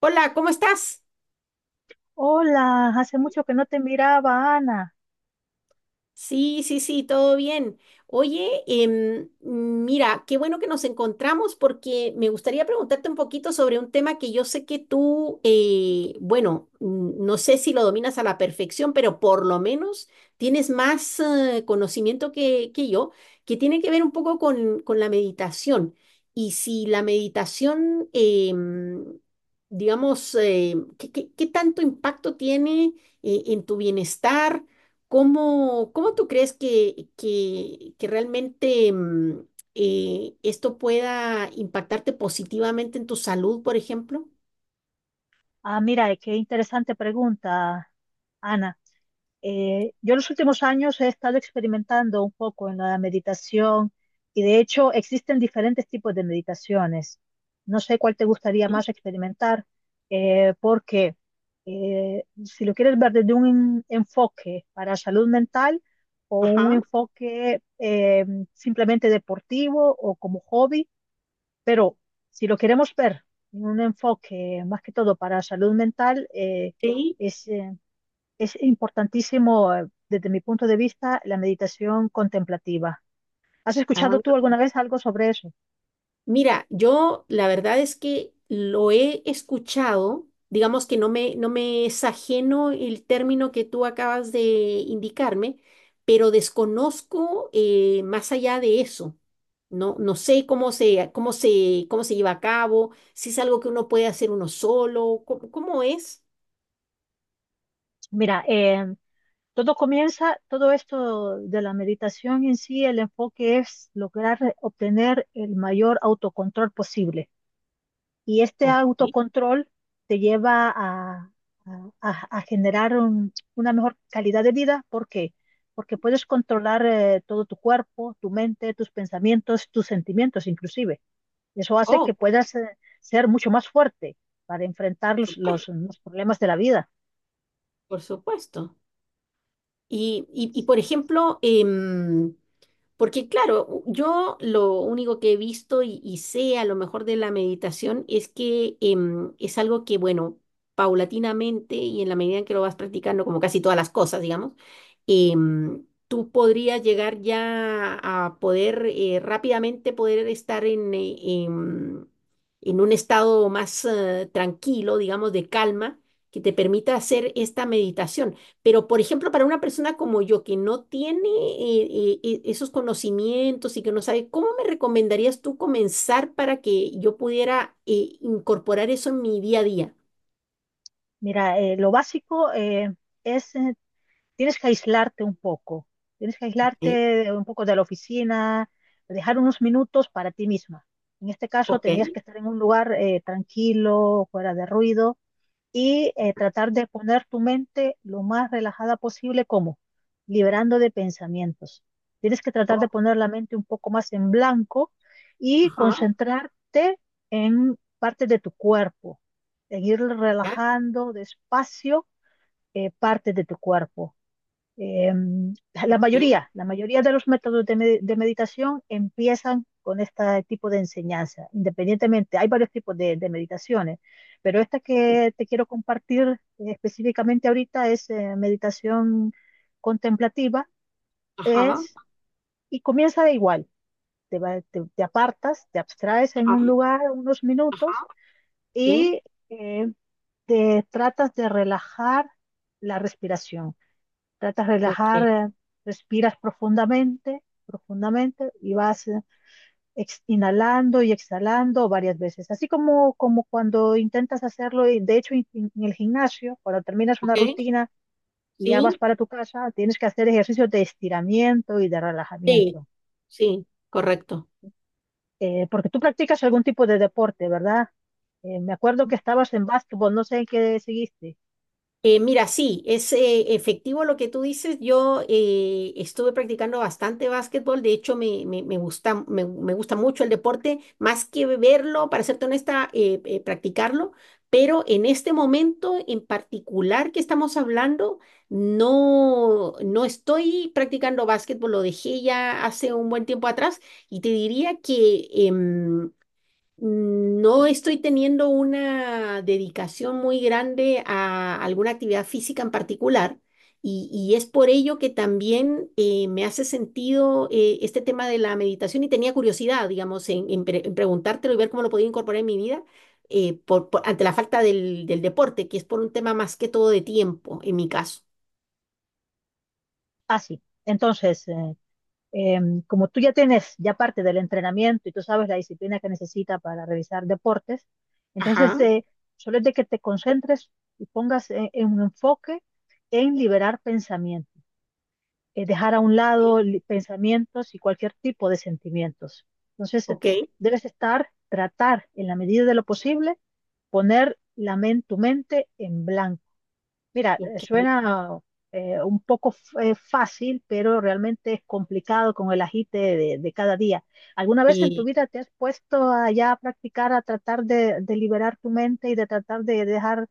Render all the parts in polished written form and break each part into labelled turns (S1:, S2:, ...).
S1: Hola, ¿cómo estás?
S2: Hola, hace mucho que no te miraba, Ana.
S1: Sí, sí, sí, todo bien. Oye, mira, qué bueno que nos encontramos porque me gustaría preguntarte un poquito sobre un tema que yo sé que tú, bueno, no sé si lo dominas a la perfección, pero por lo menos tienes más conocimiento que yo, que tiene que ver un poco con la meditación. Y si la meditación, digamos, ¿qué, qué tanto impacto tiene en tu bienestar? ¿Cómo, cómo tú crees que realmente esto pueda impactarte positivamente en tu salud, por ejemplo?
S2: Ah, mira, qué interesante pregunta, Ana. Yo en los últimos años he estado experimentando un poco en la meditación y de hecho existen diferentes tipos de meditaciones. No sé cuál te gustaría más experimentar, porque si lo quieres ver desde un enfoque para salud mental o un
S1: Ajá,
S2: enfoque simplemente deportivo o como hobby. Pero si lo queremos ver en un enfoque más que todo para salud mental,
S1: sí.
S2: es, eh, es importantísimo, desde mi punto de vista, la meditación contemplativa. ¿Has escuchado tú alguna vez algo sobre eso?
S1: Mira, yo la verdad es que lo he escuchado, digamos que no me, no me es ajeno el término que tú acabas de indicarme, pero desconozco más allá de eso. No, no sé cómo se, cómo se, cómo se lleva a cabo, si es algo que uno puede hacer uno solo, cómo, cómo es.
S2: Mira, todo comienza, todo esto de la meditación en sí, el enfoque es lograr obtener el mayor autocontrol posible. Y este
S1: Ok.
S2: autocontrol te lleva a, a generar una mejor calidad de vida. ¿Por qué? Porque puedes controlar todo tu cuerpo, tu mente, tus pensamientos, tus sentimientos inclusive. Eso hace
S1: Oh,
S2: que
S1: por
S2: puedas ser mucho más fuerte para enfrentar
S1: supuesto,
S2: los problemas de la vida.
S1: por supuesto. Y, por ejemplo, porque claro, yo lo único que he visto y sé a lo mejor de la meditación es que es algo que, bueno, paulatinamente y en la medida en que lo vas practicando, como casi todas las cosas, digamos, tú podrías llegar ya a poder rápidamente poder estar en, em, en un estado más tranquilo, digamos, de calma, que te permita hacer esta meditación. Pero, por ejemplo, para una persona como yo que no tiene esos conocimientos y que no sabe, ¿cómo me recomendarías tú comenzar para que yo pudiera incorporar eso en mi día a día?
S2: Mira, lo básico es: tienes que aislarte un poco, tienes que
S1: Ok,
S2: aislarte un poco de la oficina, dejar unos minutos para ti misma. En este caso,
S1: ok,
S2: tendrías que estar en un lugar tranquilo, fuera de ruido, y tratar de poner tu mente lo más relajada posible, como liberando de pensamientos. Tienes que tratar de
S1: oh,
S2: poner la mente un poco más en blanco y
S1: ajá,
S2: concentrarte en partes de tu cuerpo, seguir
S1: ya,
S2: relajando despacio partes de tu cuerpo. eh, la
S1: ok,
S2: mayoría, la mayoría de los métodos de meditación empiezan con este tipo de enseñanza. Independientemente, hay varios tipos de meditaciones, pero esta que te quiero compartir específicamente ahorita es meditación contemplativa,
S1: ajá,
S2: es, y comienza de igual, te, te apartas, te abstraes en
S1: ajá,
S2: un lugar unos
S1: ajá,
S2: minutos
S1: sí,
S2: y eh, te tratas de relajar la respiración, tratas de relajar,
S1: ok,
S2: respiras profundamente, profundamente y vas inhalando y exhalando varias veces, así como, como cuando intentas hacerlo. Y de hecho, en el gimnasio, cuando terminas una
S1: ok,
S2: rutina y ya vas
S1: sí,
S2: para tu casa, tienes que hacer ejercicios de estiramiento y de
S1: sí,
S2: relajamiento.
S1: sí, correcto.
S2: Porque tú practicas algún tipo de deporte, ¿verdad? Me acuerdo que estabas en básquetbol, no sé en qué seguiste.
S1: Mira, sí, es efectivo lo que tú dices. Yo estuve practicando bastante básquetbol, de hecho me, me gusta, me gusta mucho el deporte, más que verlo, para serte honesta, practicarlo, pero en este momento en particular que estamos hablando, no, no estoy practicando básquetbol, lo dejé ya hace un buen tiempo atrás y te diría que... no estoy teniendo una dedicación muy grande a alguna actividad física en particular y es por ello que también me hace sentido este tema de la meditación y tenía curiosidad, digamos, en, en preguntártelo y ver cómo lo podía incorporar en mi vida ante la falta del, del deporte, que es por un tema más que todo de tiempo en mi caso.
S2: Ah, sí. Entonces, eh, como tú ya tienes ya parte del entrenamiento y tú sabes la disciplina que necesita para realizar deportes, entonces
S1: Ajá,
S2: solo es de que te concentres y pongas en un enfoque en liberar pensamientos, dejar a un lado pensamientos y cualquier tipo de sentimientos. Entonces,
S1: ok,
S2: debes estar, tratar en la medida de lo posible, poner la tu mente en blanco. Mira,
S1: ok. Ok.
S2: suena un poco fácil, pero realmente es complicado con el agite de cada día. ¿Alguna vez en tu vida te has puesto a ya a practicar, a tratar de liberar tu mente y de tratar de dejar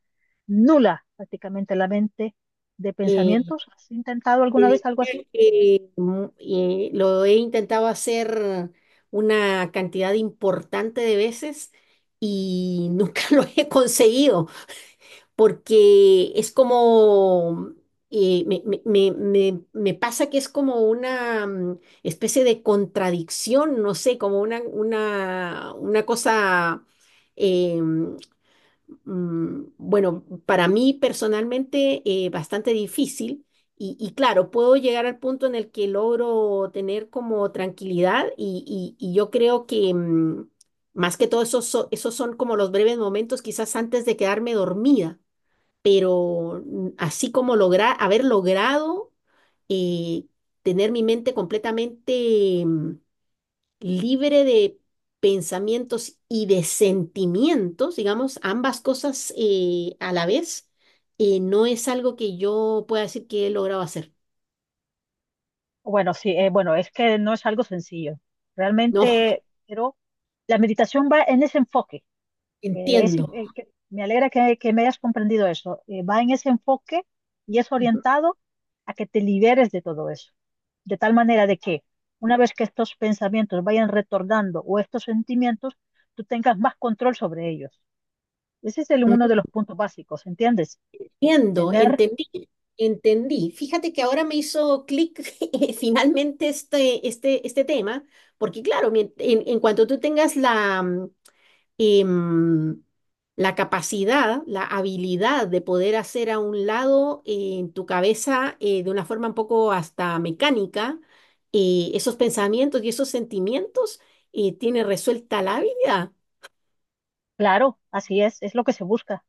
S2: nula prácticamente la mente de
S1: Y,
S2: pensamientos? ¿Has intentado
S1: te
S2: alguna vez algo así?
S1: diría que lo he intentado hacer una cantidad importante de veces y nunca lo he conseguido porque es como, me, me pasa que es como una especie de contradicción, no sé, como una cosa... em, bueno, para mí personalmente bastante difícil y claro, puedo llegar al punto en el que logro tener como tranquilidad y, y yo creo que más que todo esos, esos son como los breves momentos quizás antes de quedarme dormida, pero así como lograr, haber logrado eh, tener mi mente completamente... libre de pensamientos y de sentimientos, digamos, ambas cosas a la vez, no es algo que yo pueda decir que he logrado hacer.
S2: Bueno, sí, bueno, es que no es algo sencillo.
S1: No,
S2: Realmente, pero la meditación va en ese enfoque.
S1: entiendo.
S2: Me alegra que me hayas comprendido eso. Va en ese enfoque y es
S1: Ujú.
S2: orientado a que te liberes de todo eso. De tal manera de que una vez que estos pensamientos vayan retornando o estos sentimientos, tú tengas más control sobre ellos. Ese es el, uno de los puntos básicos, ¿entiendes?
S1: Entiendo,
S2: Tener
S1: entendí, entendí. Fíjate que ahora me hizo clic finalmente este, este, este tema, porque claro, en cuanto tú tengas la, em, la capacidad, la habilidad de poder hacer a un lado en tu cabeza de una forma un poco hasta mecánica esos pensamientos y esos sentimientos, tiene resuelta la vida.
S2: claro, así es lo que se busca.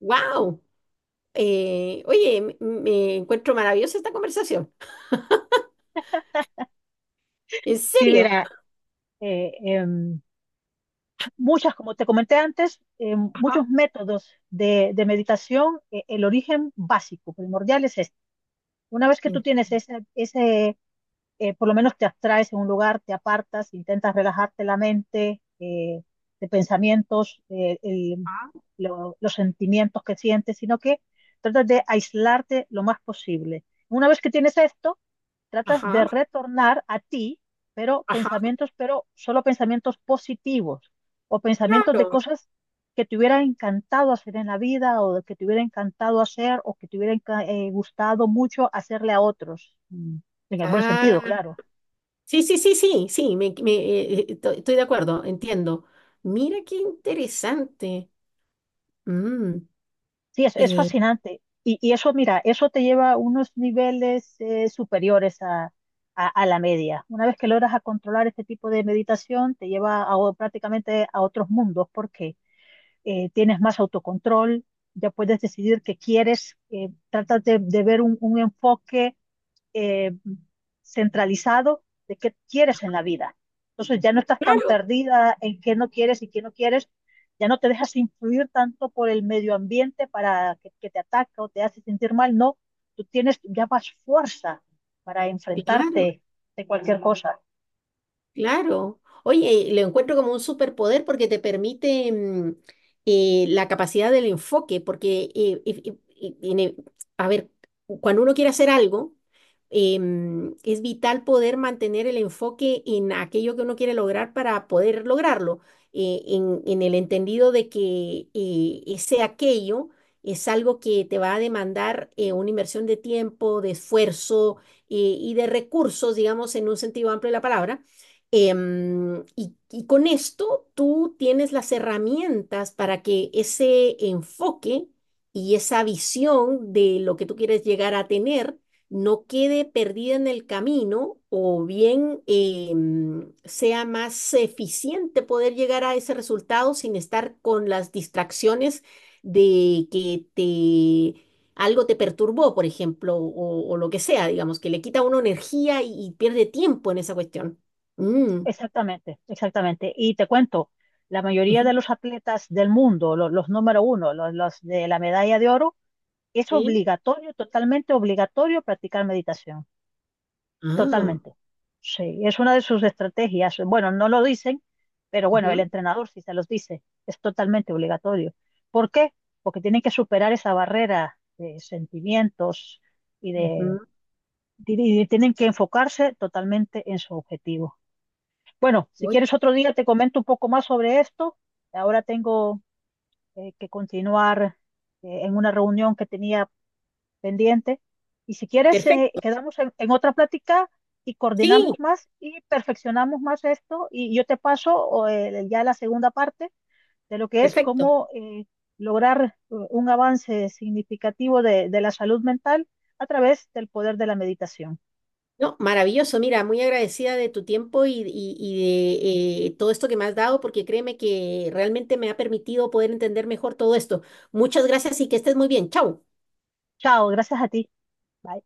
S1: ¡Wow! Oye, me encuentro maravillosa esta conversación. ¿En
S2: Sí,
S1: serio?
S2: mira, eh, em, muchas, como te comenté antes,
S1: Ajá.
S2: muchos métodos de meditación, el origen básico, primordial es este. Una vez que tú tienes ese, ese por lo menos te abstraes en un lugar, te apartas, intentas relajarte la mente de pensamientos,
S1: Ajá.
S2: los sentimientos que sientes, sino que tratas de aislarte lo más posible. Una vez que tienes esto, tratas de
S1: Ajá.
S2: retornar a ti, pero
S1: Ajá.
S2: pensamientos, pero solo pensamientos positivos o pensamientos de
S1: Claro.
S2: cosas que te hubiera encantado hacer en la vida o que te hubiera encantado hacer o que te hubiera gustado mucho hacerle a otros, mm, en el buen sentido,
S1: Ah.
S2: claro.
S1: Sí, sí, sí, sí, sí, me, estoy de acuerdo, entiendo. Mira qué interesante. Mm,
S2: Sí, es
S1: eh,
S2: fascinante. Y eso, mira, eso te lleva a unos niveles superiores a, a la media. Una vez que logras a controlar este tipo de meditación, te lleva a prácticamente a otros mundos. ¿Por qué? Tienes más autocontrol, ya puedes decidir qué quieres, tratas de ver un enfoque eh, centralizado de qué quieres en la vida. Entonces ya no estás tan
S1: claro,
S2: perdida en qué no quieres y qué no quieres, ya no te dejas influir tanto por el medio ambiente para que te ataca o te hace sentir mal, no, tú tienes ya más fuerza para
S1: claro.
S2: enfrentarte de cualquier cosa.
S1: Claro. Oye, lo encuentro como un superpoder porque te permite la capacidad del enfoque, porque, a ver, cuando uno quiere hacer algo, es vital poder mantener el enfoque en aquello que uno quiere lograr para poder lograrlo, en el entendido de que ese aquello es algo que te va a demandar una inversión de tiempo, de esfuerzo y de recursos, digamos, en un sentido amplio de la palabra. Y con esto tú tienes las herramientas para que ese enfoque y esa visión de lo que tú quieres llegar a tener no quede perdida en el camino o bien sea más eficiente poder llegar a ese resultado sin estar con las distracciones de que te... Algo te perturbó, por ejemplo, o lo que sea, digamos, que le quita a uno energía y pierde tiempo en esa cuestión. Mm,
S2: Exactamente, exactamente. Y te cuento, la mayoría
S1: Ujú,
S2: de los atletas del mundo, los, número uno, los de la medalla de oro, es
S1: sí.
S2: obligatorio, totalmente obligatorio practicar meditación,
S1: Ah,
S2: totalmente. Sí, es una de sus estrategias. Bueno, no lo dicen, pero bueno, el
S1: ujú,
S2: entrenador sí se los dice, es totalmente obligatorio. ¿Por qué? Porque tienen que superar esa barrera de sentimientos y de,
S1: ujú.
S2: y tienen que enfocarse totalmente en su objetivo. Bueno, si
S1: Uy.
S2: quieres otro día te comento un poco más sobre esto. Ahora tengo que continuar en una reunión que tenía pendiente. Y si quieres,
S1: Perfecto.
S2: quedamos en otra plática y
S1: Sí,
S2: coordinamos más y perfeccionamos más esto. Y yo te paso o, ya la segunda parte de lo que es
S1: perfecto.
S2: cómo lograr un avance significativo de la salud mental a través del poder de la meditación.
S1: No, maravilloso. Mira, muy agradecida de tu tiempo y, y de todo esto que me has dado, porque créeme que realmente me ha permitido poder entender mejor todo esto. Muchas gracias y que estés muy bien. Chao.
S2: Chao, gracias a ti. Bye.